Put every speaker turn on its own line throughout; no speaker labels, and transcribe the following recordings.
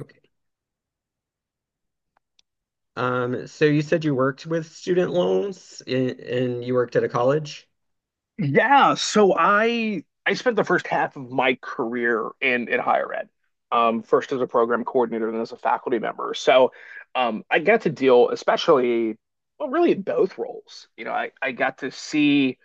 Okay. So you said you worked with student loans and you worked at a college?
Yeah, so I spent the first half of my career in higher ed. First as a program coordinator, and as a faculty member. So I got to deal, especially, well, really in both roles. I got to see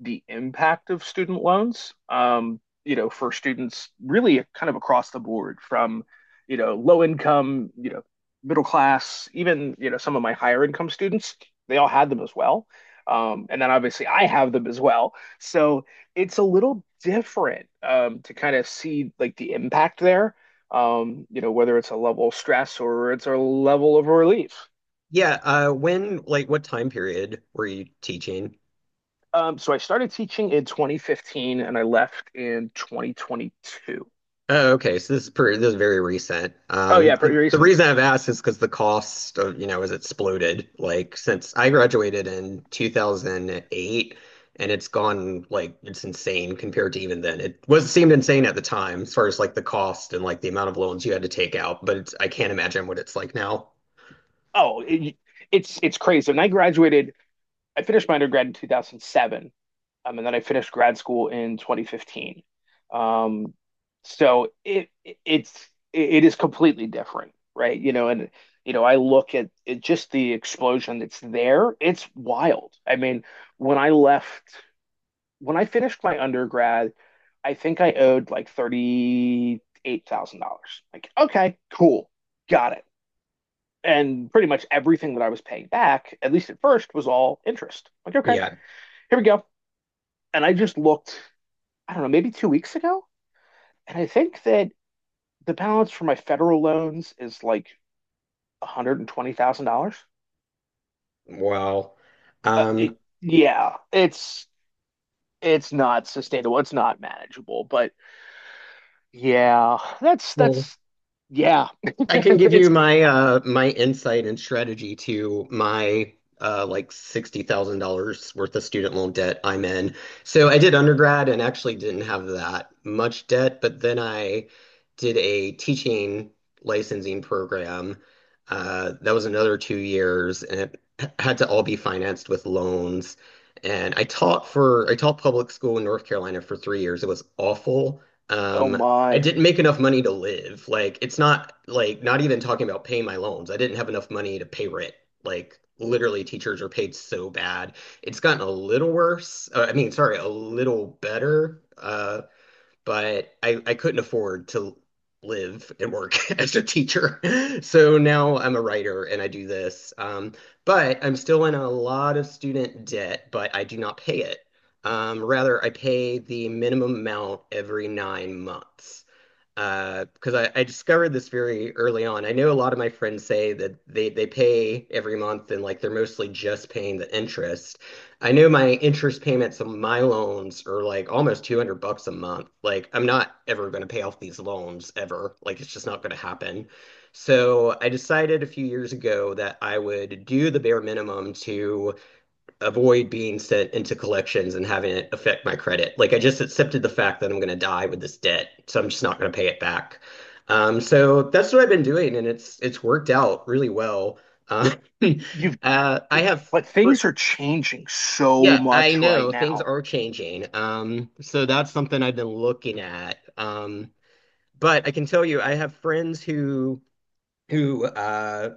the impact of student loans, for students really kind of across the board from, low income, middle class, even, some of my higher income students, they all had them as well. And then obviously I have them as well. So it's a little different to kind of see like the impact there, whether it's a level of stress or it's a level of relief.
Yeah, when, like, what time period were you teaching?
So I started teaching in 2015 and I left in 2022.
Oh, okay. So this is very recent.
Oh yeah, pretty
The
recent.
reason I've asked is because the cost of, you know, has exploded. Like, since I graduated in 2008, and it's gone, like, it's insane compared to even then. It was seemed insane at the time as far as, like, the cost and, like, the amount of loans you had to take out, but I can't imagine what it's like now.
Oh, it's crazy. When I graduated, I finished my undergrad in 2007, and then I finished grad school in 2015. Um, so it is completely different, right? And I look at it, just the explosion that's there. It's wild. I mean, when I left, when I finished my undergrad, I think I owed like $38,000. Like, okay, cool, got it. And pretty much everything that I was paying back, at least at first, was all interest. Like, okay,
Yeah.
here we go. And I just looked, I don't know, maybe 2 weeks ago. And I think that the balance for my federal loans is like $120,000.
Wow.
Uh, it-
Um,
yeah, it's not sustainable. It's not manageable. But yeah, that's
well,
that's yeah.
I can give you
It's
my my insight and strategy to my like $60,000 worth of student loan debt I'm in. So I did undergrad and actually didn't have that much debt, but then I did a teaching licensing program. That was another 2 years and it had to all be financed with loans. And I taught public school in North Carolina for 3 years. It was awful.
Oh
Um, I
my.
didn't make enough money to live. Like it's not like not even talking about paying my loans. I didn't have enough money to pay rent. Like literally teachers are paid so bad. It's gotten a little worse. I mean, sorry, a little better. But I couldn't afford to live and work as a teacher. So now I'm a writer and I do this. But I'm still in a lot of student debt, but I do not pay it. Rather, I pay the minimum amount every nine months, because I discovered this very early on. I know a lot of my friends say that they pay every month and like they're mostly just paying the interest. I know my interest payments on my loans are like almost 200 bucks a month. Like I'm not ever going to pay off these loans ever. Like it's just not going to happen. So I decided a few years ago that I would do the bare minimum to avoid being sent into collections and having it affect my credit. Like I just accepted the fact that I'm going to die with this debt, so I'm just not going to pay it back. So that's what I've been doing, and it's worked out really well. Um,
You've
uh, I have,
But
fr-
things are changing so
yeah, I
much right
know things
now.
are changing. So that's something I've been looking at. But I can tell you, I have friends who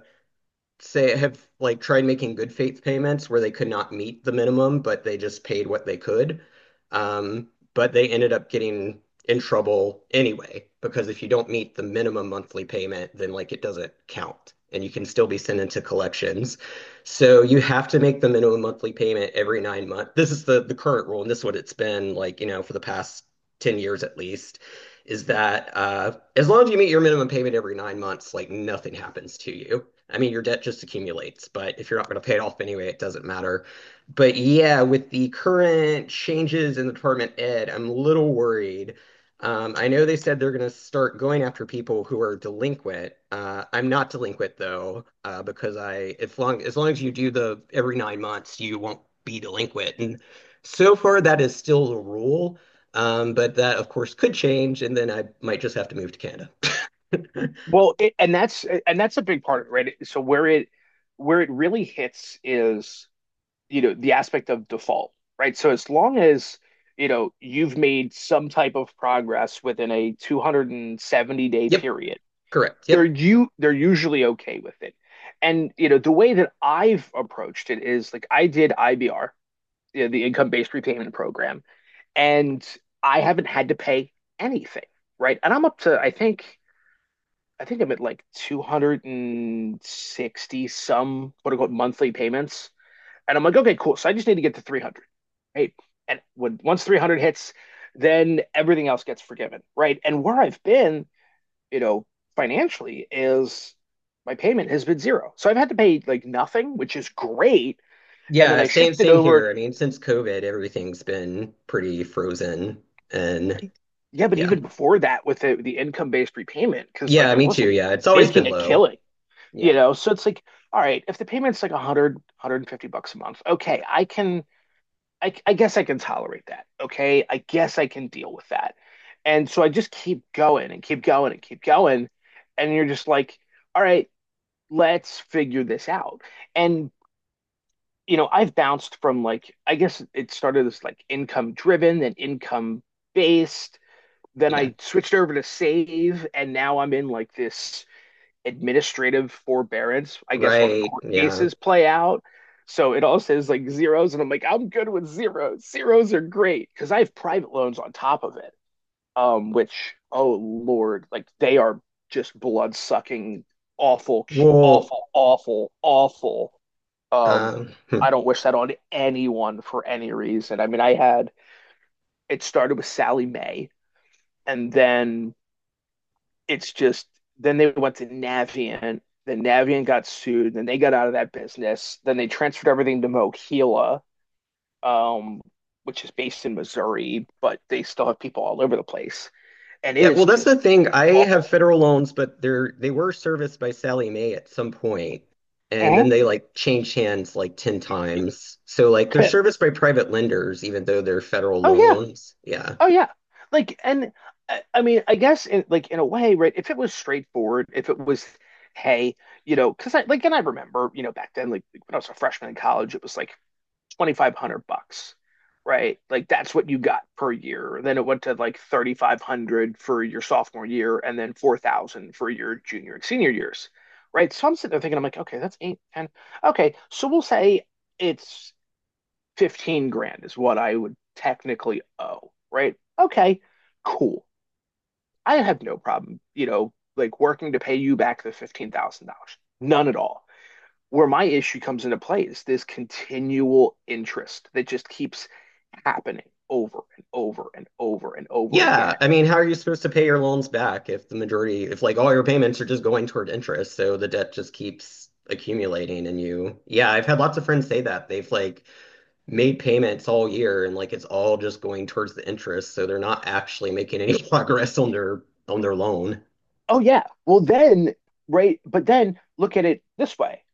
say have like tried making good faith payments where they could not meet the minimum, but they just paid what they could. Um, but they ended up getting in trouble anyway, because if you don't meet the minimum monthly payment, then like it doesn't count and you can still be sent into collections. So you have to make the minimum monthly payment every 9 months. This is the current rule, and this is what it's been like, you know, for the past 10 years at least. Is that As long as you meet your minimum payment every 9 months, like nothing happens to you. I mean, your debt just accumulates, but if you're not going to pay it off anyway, it doesn't matter. But yeah, with the current changes in the Department of Ed, I'm a little worried. I know they said they're going to start going after people who are delinquent. I'm not delinquent though, if long as you do the every 9 months, you won't be delinquent. And so far, that is still the rule. But that, of course, could change, and then I might just have to move to Canada.
Well, and that's a big part of it, right? So where it really hits is, the aspect of default, right? So as long as, you've made some type of progress within a 270-day
Yep,
period,
correct.
they're
Yep.
you they're usually okay with it. And, the way that I've approached it is like I did IBR, the income-based repayment program, and I haven't had to pay anything, right? And I'm up to, I think I'm at like 260 some quote unquote monthly payments. And I'm like, okay, cool. So I just need to get to 300. Right. And when once 300 hits, then everything else gets forgiven. Right. And where I've been, you know, financially is my payment has been zero. So I've had to pay like nothing, which is great. And then
Yeah,
I shifted
same
over.
here. I mean, since COVID, everything's been pretty frozen, and
Yeah. But
yeah,
even before that with the income based repayment, because like
yeah,
I
me too.
wasn't
Yeah, it's always
making
been
a
low.
killing. You
Yeah,
know, so it's like, all right, if the payment's like 100, 150 bucks a month, okay, I guess I can tolerate that. Okay, I guess I can deal with that. And so I just keep going and keep going and keep going. And you're just like, all right, let's figure this out. And, I've bounced from like, I guess it started as like income driven and income based. Then
yeah,
I switched over to save. And now I'm in like this administrative forbearance, I guess, while the
right.
court
Yeah.
cases play out. So it all says like zeros, and I'm like, I'm good with zeros. Zeros are great because I have private loans on top of it, which, oh Lord, like they are just blood sucking, awful,
Well,
awful, awful, awful. Um, I
hmm.
don't wish that on anyone for any reason. I mean, I had it started with Sally May, and then it's just then they went to Navient. Then Navient got sued. Then they got out of that business. Then they transferred everything to Mohila, um, which is based in Missouri, but they still have people all over the place, and it
Yeah,
is
well, that's the
just
thing. I have
awful.
federal loans, but they were serviced by Sally Mae at some point, and then
Mhm.
they like changed hands like 10 times. So like they're serviced by private lenders, even though they're federal
Oh yeah,
loans. Yeah.
oh yeah. Like, and I mean, I guess in like in a way, right? If it was straightforward, if it was, hey, and I remember, back then, like when I was a freshman in college, it was like 2,500 bucks, right? Like that's what you got per year. Then it went to like 3,500 for your sophomore year and then 4,000 for your junior and senior years, right? So I'm sitting there thinking, I'm like, okay, that's eight ten. Okay, so we'll say it's 15 grand is what I would technically owe, right? Okay, cool. I have no problem, like working to pay you back the $15,000. None at all. Where my issue comes into play is this continual interest that just keeps happening over and over and over and over
Yeah,
again.
I mean, how are you supposed to pay your loans back if if like all your payments are just going toward interest, so the debt just keeps accumulating and yeah, I've had lots of friends say that. They've like made payments all year and like it's all just going towards the interest, so they're not actually making any progress on their loan.
Oh, yeah. Well, then, right. But then look at it this way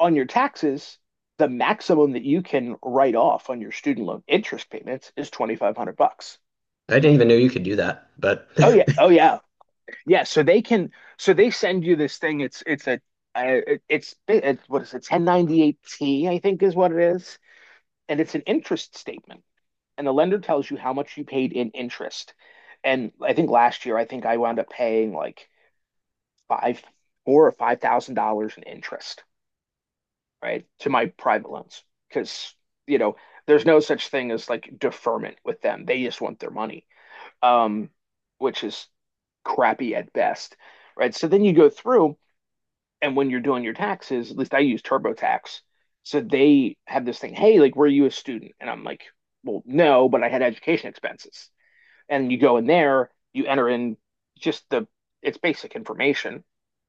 on your taxes, the maximum that you can write off on your student loan interest payments is 2,500 bucks.
I didn't even know you could do that, but
Oh yeah, oh yeah. Yeah, so they send you this thing, it's a it- it's what is it, 1098T, I think is what it is, and it's an interest statement and the lender tells you how much you paid in interest. And I think last year, I think I wound up paying like five, four or five thousand dollars in interest, right, to my private loans because you know there's no such thing as like deferment with them. They just want their money, um, which is crappy at best, right? So then you go through, and when you're doing your taxes, at least I use TurboTax. So they have this thing, hey, like, were you a student? And I'm like, well, no, but I had education expenses. And you go in there, you enter in just the it's basic information,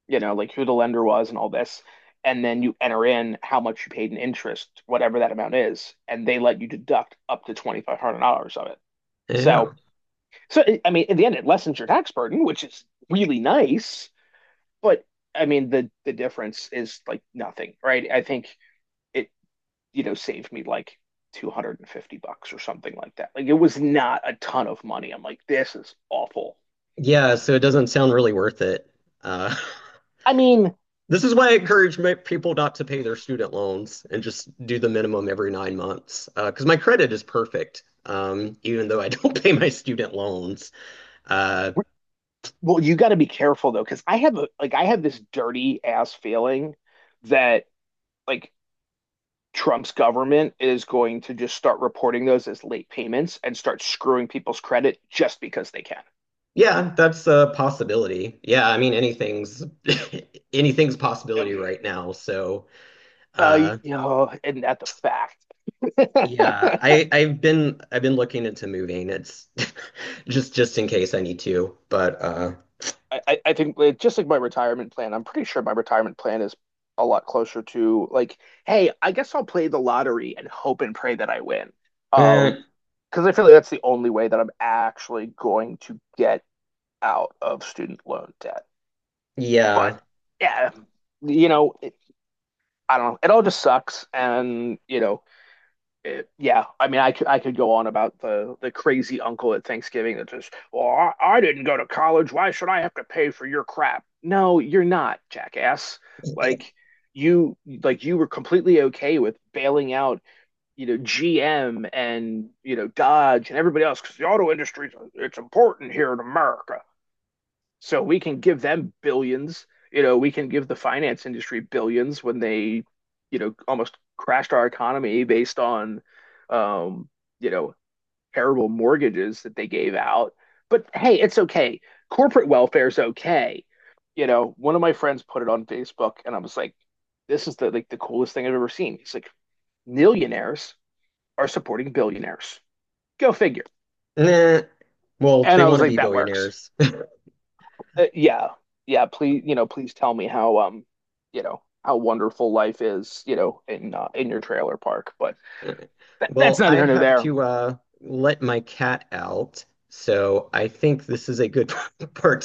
like who the lender was and all this, and then you enter in how much you paid in interest, whatever that amount is, and they let you deduct up to $2,500 of it. So,
yeah.
so I mean, in the end, it lessens your tax burden, which is really nice. But I mean, the difference is like nothing, right? I think it saved me like 250 bucks or something like that. Like it was not a ton of money. I'm like, this is awful.
Yeah, so it doesn't sound really worth it. Uh,
I mean,
this is why I encourage people not to pay their student loans and just do the minimum every 9 months. Because my credit is perfect, even though I don't pay my student loans. Uh,
well, you got to be careful though, because I have this dirty ass feeling that like Trump's government is going to just start reporting those as late payments and start screwing people's credit just because they can.
Yeah, that's a possibility. Yeah, I mean anything's anything's a
Um,
possibility right now. So,
Uh, you
uh
know, and not the fact.
yeah, I've been looking into moving. It's just in case I need to, but
I think like, just like my retirement plan, I'm pretty sure my retirement plan is a lot closer to like, hey, I guess I'll play the lottery and hope and pray that I win. Um,
eh,
because I feel like that's the only way that I'm actually going to get out of student loan debt. But
yeah.
yeah, you know, it, I don't know. It all just sucks, and yeah. I mean, I could go on about the crazy uncle at Thanksgiving that just, well, I didn't go to college. Why should I have to pay for your crap? No, you're not, jackass. Like like you were completely okay with bailing out, GM and, Dodge and everybody else because the auto industry, it's important here in America. So we can give them billions. We can give the finance industry billions when they, almost crashed our economy based on, um, you know, terrible mortgages that they gave out. But hey, it's okay. Corporate welfare is okay. One of my friends put it on Facebook, and I was like, "This is the like the coolest thing I've ever seen." He's like, "Millionaires are supporting billionaires. Go figure."
Eh, well,
And
they
I
want
was
to
like,
be
that works.
billionaires.
Yeah, yeah. Please tell me how wonderful life is, in your trailer park. But that's
Well,
neither
I
here nor
have
there.
to let my cat out. So, I think this is a good part